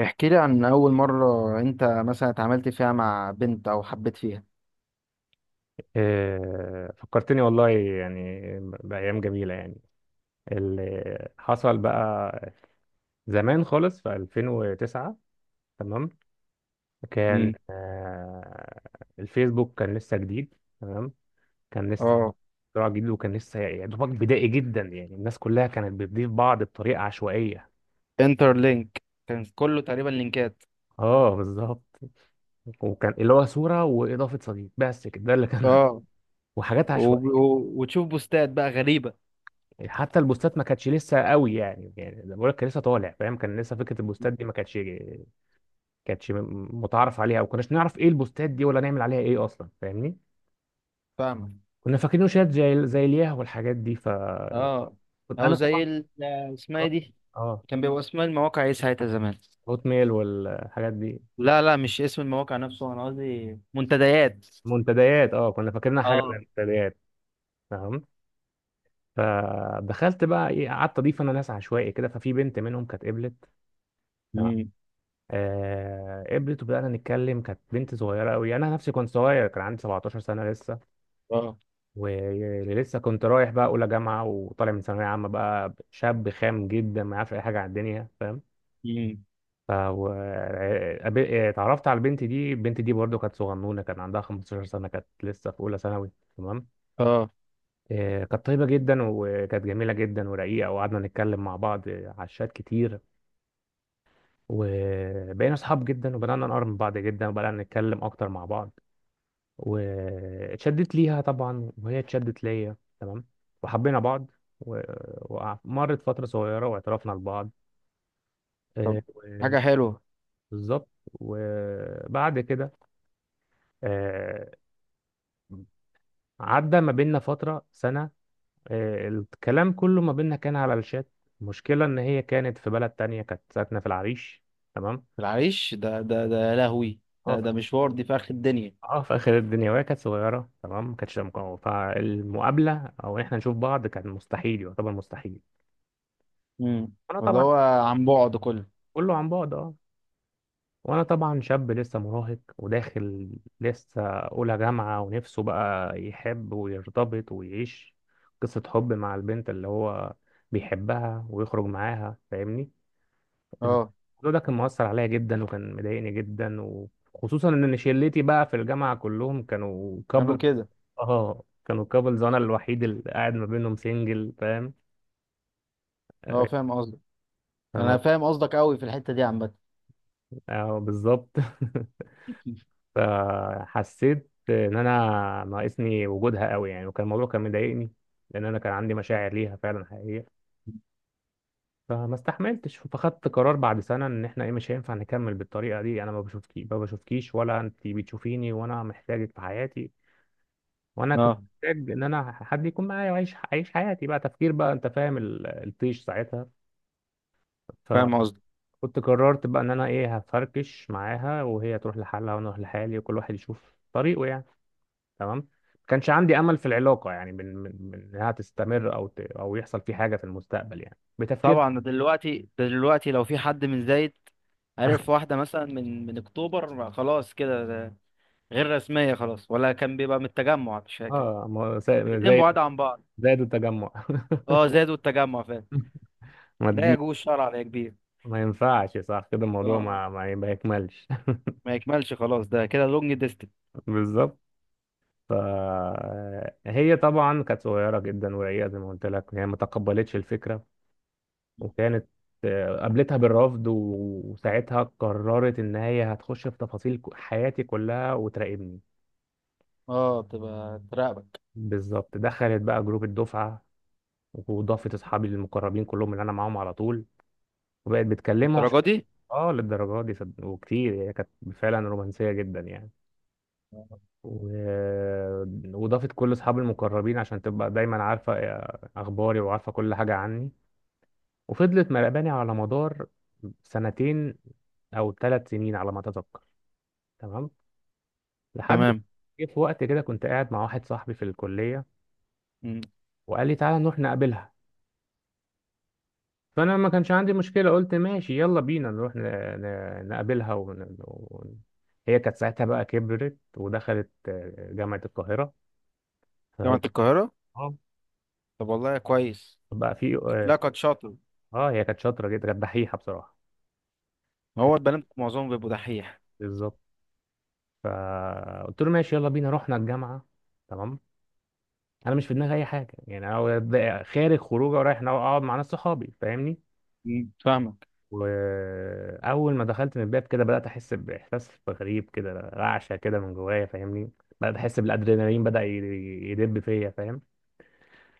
احكي لي عن أول مرة أنت مثلا اتعاملت فيها مع بنت أو حبيت فيها. إيه، فكرتني والله يعني بأيام جميلة يعني اللي حصل بقى زمان خالص في 2009. تمام. كان امم الفيسبوك كان لسه جديد. تمام. كان لسه اه، اختراع جديد وكان لسه يا دوبك بدائي جدا، يعني الناس كلها كانت بتضيف بعض بطريقة عشوائية. انتر لينك كان كله تقريبا لينكات. اه، بالظبط. وكان اللي هو صورة وإضافة صديق، بس كده ده اللي كان. اه. وحاجات وب... عشوائية. و... وتشوف بوستات بقى غريبة. حتى البوستات ما كانتش لسه قوي يعني، يعني زي ما بقول لك، كان لسه طالع فاهم، كان لسه فكره البوستات دي ما كانتش. متعارف عليها، او كناش نعرف ايه البوستات دي ولا نعمل عليها ايه اصلا فاهمني. فاهمك. كنا فاكرينه شات زي الياه والحاجات دي، فكنت. اه. او انا زي طبعا ال... اسمها إيه دي؟ اه، كان بيبقى اسمها المواقع ايه ساعتها زمان؟ هوت ميل والحاجات دي. لا لا، مش اسم المواقع نفسه، انا قصدي منتديات. منتديات، اه كنا فاكرينها حاجه زي اه. المنتديات. تمام. فدخلت بقى ايه، قعدت اضيف انا ناس عشوائي كده، ففي بنت منهم كانت قبلت. مم. قبلت وبدأنا نتكلم. كانت بنت صغيرة أوي، أنا نفسي كنت صغير، كان عندي 17 سنة لسه. اه. ولسه كنت رايح بقى أولى جامعة وطالع من ثانوية عامة، بقى شاب خام جدا ما يعرفش أي حاجة عن الدنيا فاهم. امم. ف و- آه، قابل- آه، اتعرفت على البنت دي. البنت دي برضو كانت صغنونة، كان عندها 15 سنة، كانت لسه في أولى ثانوي. تمام. اه. كانت طيبة جدا وكانت جميلة جدا ورقيقة، وقعدنا نتكلم مع بعض على الشات كتير. وبقينا أصحاب جدا، وبدأنا نقرب من بعض جدا، وبدأنا نتكلم أكتر مع بعض. واتشدت ليها طبعا، وهي اتشدت ليا. تمام. وحبينا بعض و- ومرت فترة صغيرة واعترفنا لبعض. طب، آه، و- حاجة حلوة. بالظبط. وبعد كده آه، عدى ما بيننا فترة سنة. الكلام كله ما بيننا كان على الشات. المشكلة إن هي كانت في بلد تانية، كانت ساكنة في العريش. تمام. العريش؟ ده يا لهوي، اه ده في، ده مشوار، دي في آخر الدنيا. اه في آخر الدنيا، وهي كانت صغيرة. تمام، ما كانتش. فالمقابلة أو إحنا نشوف بعض كان مستحيل، يعتبر مستحيل. امم. انا اللي طبعا. هو عن بعد كله. كله عن بعد اه. وانا طبعا شاب لسه مراهق وداخل لسه اولى جامعة، ونفسه بقى يحب ويرتبط ويعيش قصة حب مع البنت اللي هو بيحبها ويخرج معاها فاهمني. اه. الموضوع ده كان مؤثر عليا جدا وكان مضايقني جدا. وخصوصا ان شلتي بقى في الجامعة كلهم كانوا كانوا كابل. كده. اه كانوا كابلز، وانا الوحيد اللي قاعد ما بينهم سنجل فاهم. اه آه، فاهم قصدك، انا الموضوع- فاهم قصدك قوي في الحتة دي عامة. بالظبط. فحسيت ان انا ناقصني وجودها قوي يعني، وكان الموضوع كان مضايقني، لان انا كان عندي مشاعر ليها فعلا حقيقيه. فما استحملتش. فخدت قرار بعد سنه ان احنا ايه، مش هينفع نكمل بالطريقه دي. انا ما بشوفكي، ما بشوفكيش ولا انت بتشوفيني، وانا محتاجك في حياتي. وانا كنت اه محتاج ان انا حد يكون معايا واعيش حياتي بقى، تفكير بقى انت فاهم الطيش ساعتها. فاهم فكنت. قصدك. قررت بقى ان انا ايه، هفركش معاها وهي تروح لحالها وانا اروح لحالي، وكل واحد يشوف طريقه يعني. تمام. ما كانش عندي امل في العلاقه يعني من انها تستمر، او ت... او يحصل في حاجه في المستقبل يعني، بتفكير. طبعا، دلوقتي لو في حد من زايد عرف واحدة مثلا من اكتوبر، ما خلاص كده ده غير رسمية خلاص، ولا كان بيبقى من التجمع مش فاكر. اه، ما- الاتنين زي بعاد عن بعض. زي التجمع. اه، زايد والتجمع فاهم. ما لا تجيش. يجوز شرعا يا كبير. ما ينفعش صح كده، الموضوع اه، ما يكملش. ما يكملش خلاص، ده كده لونج ديستنس. بالظبط. ف هي طبعا كانت صغيره جدا ورقيقه، زي ما قلت لك، هي ما تقبلتش الفكره. وكانت. قابلتها بالرفض وساعتها قررت ان هي هتخش في تفاصيل حياتي كلها وتراقبني. اه تبقى تراقبك؟ بالظبط. دخلت بقى جروب الدفعه، وضافت اصحابي المقربين كلهم اللي انا معاهم على طول. وبقت بتكلمه، عشان الدرجة دي؟ اه للدرجه دي وكتير. هي كانت فعلا رومانسيه جدا يعني و... وضافت كل اصحابي المقربين عشان تبقى دايما عارفه اخباري، وعارفه كل حاجه عني. وفضلت مراقباني على مدار سنتين او ثلاث سنين على ما اتذكر. تمام. لحد تمام. جه في وقت كده، كنت قاعد مع واحد صاحبي في الكليه، مم. وقال لي تعالى نروح نقابلها. فانا ما كانش عندي مشكله، قلت ماشي يلا بينا نروح نقابلها ون... ون... هي كانت ساعتها بقى كبرت، ودخلت جامعه القاهره. فبقى- جامعة القاهرة؟ اه، طب والله كويس. بقى في اه، لا كان شاطر. هي كانت شاطره جدا، كانت دحيحه بصراحه. هو البنات معظمهم بيبقوا دحيح. بالظبط. فقلت له ماشي يلا بينا، رحنا الجامعه. تمام. انا مش في دماغي اي حاجه يعني، انا خارج خروجه ورايح اقعد مع ناس صحابي فاهمني. مم، فاهمك. واول ما دخلت من الباب كده، بدات احس باحساس غريب كده، رعشه كده من جوايا فاهمني. بدات احس بالادرينالين، بدا يدب فيا فاهم.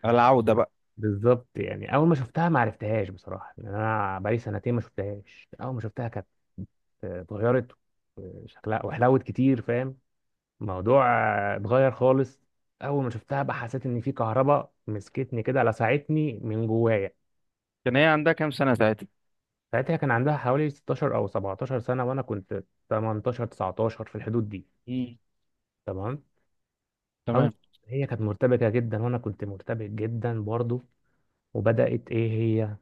العودة بقى. بالظبط. يعني اول ما شفتها ما عرفتهاش بصراحه، لان انا بقالي سنتين ما شفتهاش. اول ما شفتها كانت اتغيرت شكلها وحلوت كتير فاهم. الموضوع اتغير خالص. اول ما شفتها بقى حسيت ان في كهرباء مسكتني كده، لسعتني من جوايا. كان هي عندها كام سنة ساعتها؟ ساعتها كان عندها حوالي 16 او 17 سنه، وانا كنت 18 19 في الحدود دي. مم. تمام. أو. تمام. هي كانت مرتبكة جدا، وأنا كنت مرتبك جدا برضو. وبدأت إيه هي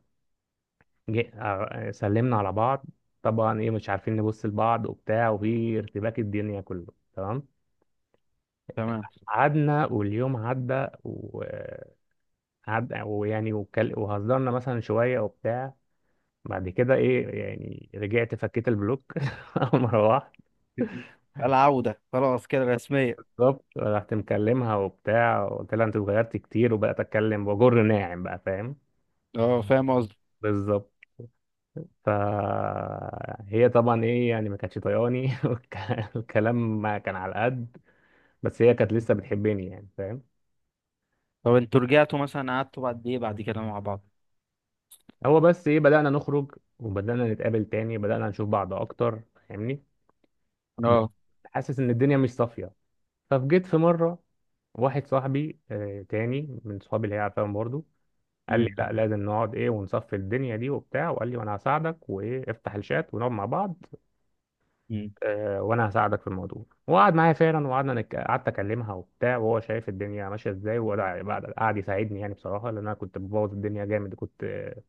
جي... آه، سلمنا على بعض. طبعا إيه، مش عارفين نبص لبعض وبتاع، وفي ارتباك الدنيا كله. تمام. تمام. قعدنا واليوم عدى وعد. ويعني وهزرنا مثلا شوية وبتاع. بعد كده إيه، يعني رجعت فكيت البلوك. أول ما روحت. العودة خلاص كده رسمية. بالظبط. رحت مكلمها وبتاع، وقلت لها أنت اتغيرت كتير، وبقيت أتكلم وجر ناعم بقى فاهم. اه فاهم قصدي. بالظبط. فهي طبعا ايه، يعني ما كانتش طياني. الكلام ما كان على قد. بس هي كانت لسه بتحبني يعني فاهم. طب انتوا رجعتوا مثلا قعدتوا بعد ايه بعد كده مع بعض؟ هو بس ايه، بدأنا نخرج، وبدأنا نتقابل تاني، بدأنا نشوف بعض اكتر فاهمني. بس اه. حاسس ان الدنيا مش صافية. فجيت في مرة، واحد صاحبي تاني من صحابي اللي هي عارفاهم برضه، قال لي امم. لا لازم نقعد ايه ونصفي الدنيا دي وبتاع، وقال لي وانا هساعدك، وايه افتح الشات ونقعد مع بعض. امم. وانا هساعدك في الموضوع. وقعد معايا فعلا، وقعدنا قعدت اكلمها وبتاع، وهو شايف الدنيا ماشيه ازاي. وقعد قعد قعد يساعدني يعني بصراحه، لان انا كنت ببوظ الدنيا جامد. كنت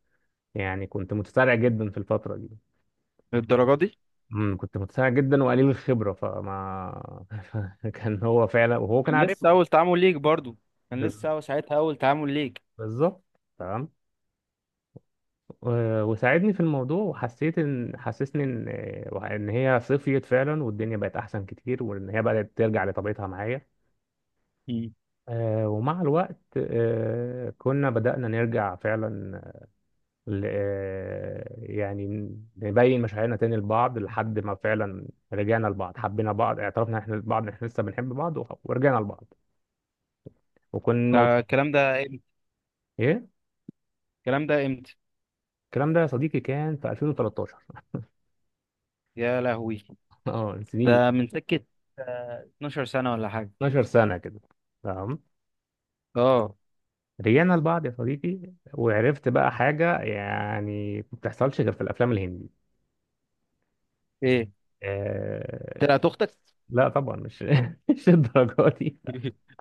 يعني كنت متسرع جدا في الفتره دي. للدرجة دي؟ كنت متسرع جدا وقليل الخبره، فما كان هو فعلا، وهو كان كان عارف لسه أول تعامل ليك برضو، كان ب- لسه أول ساعتها أول تعامل ليك. بالظبط. تمام. وساعدني في الموضوع، وحسيت ان حسسني ان ان هي صفيت فعلا، والدنيا بقت احسن كتير، وان هي بدات ترجع لطبيعتها معايا. مم. ومع الوقت كنا بدأنا نرجع فعلا يعني نبين مشاعرنا تاني لبعض، لحد ما فعلا رجعنا لبعض. حبينا بعض، اعترفنا احنا لبعض إن احنا لسه بنحب بعض ورجعنا لبعض. وكان الموضوع ده الكلام ده امتى؟ ايه، الكلام ده امتى؟ الكلام ده يا صديقي كان في 2013. يا لهوي، اه سنين. ده من سكة، آه، 12 سنة ولا حاجة. 12 سنة كده. تمام. اه. رجعنا لبعض يا صديقي، وعرفت بقى حاجة يعني ما بتحصلش غير في الأفلام الهندي. ايه؟ آه. طلعت اختك؟ لا طبعا مش مش الدرجات.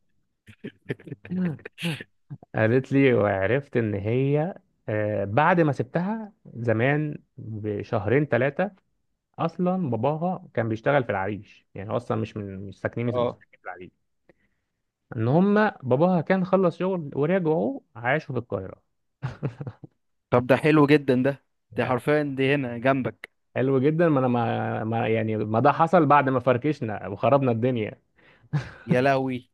قالت لي، وعرفت ان هي بعد ما سبتها زمان بشهرين ثلاثه، اصلا باباها كان بيشتغل في العريش، يعني هو اصلا مش اه. ساكنين في العريش. ان هم. باباها كان خلص شغل، ورجعوا عاشوا في القاهره. طب ده حلو جدا ده، ده يعني حرفيا دي هنا جنبك. حلو جدا، ما انا يعني ما ده حصل بعد ما فركشنا وخربنا الدنيا. يا لهوي،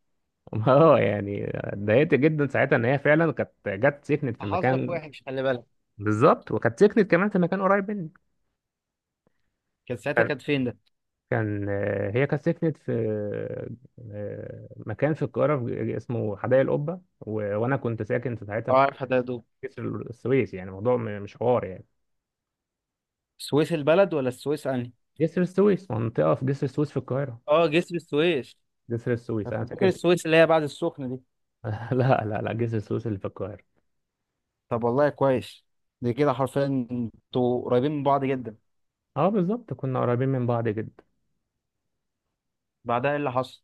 اه يعني اتضايقت جدا ساعتها ان هي فعلا كانت جت سكنت في حظك مكان. وحش خلي بالك. بالظبط، وكانت سكنت كمان في مكان قريب مني. كان ساعتها كانت فين ده؟ كان هي كانت سكنت في مكان في القاهرة، اسمه حدائق القبة، وأنا كنت ساكن في ساعتها اه في عارف حداده. جسر السويس. يعني موضوع مش حوار يعني. السويس البلد ولا السويس انهي؟ جسر السويس، منطقة في جسر السويس في القاهرة. اه جسر السويس، جسر انا السويس، كنت أنا فاكر ساكن في. السويس اللي هي بعد السخنة دي. لا لا لا، جسر السويس اللي في القاهرة. طب والله كويس. دي كده حرفيا انتوا قريبين من بعض جدا. اه بالظبط، كنا قريبين من بعض جدا. بعدها ايه اللي حصل؟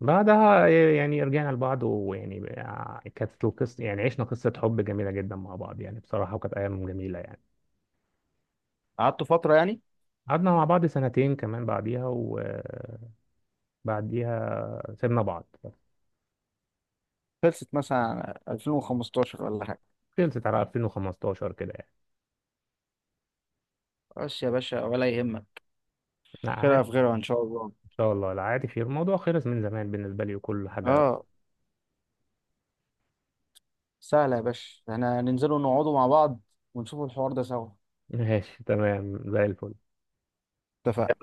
بعدها يعني رجعنا لبعض، ويعني كانت القصة، يعني عشنا قصة حب جميلة جدا مع بعض يعني بصراحة، وكانت أيام جميلة يعني. قعدتوا فترة يعني؟ قعدنا مع بعض سنتين كمان بعديها، وبعديها سيبنا بعض. خلصت مثلا 2015 ولا حاجة؟ خلصت على 2015 كده يعني. بس يا باشا ولا يهمك، لا عادي. خيرها في غيرها ان شاء الله. ان شاء الله. لا عادي، خير الموضوع خلص من زمان بالنسبه لي وكل حاجه. اه، سهلة يا باشا، احنا ننزلوا نقعدوا مع بعض ونشوفوا الحوار ده سوا. ماشي تمام زي الفل. اتفقنا.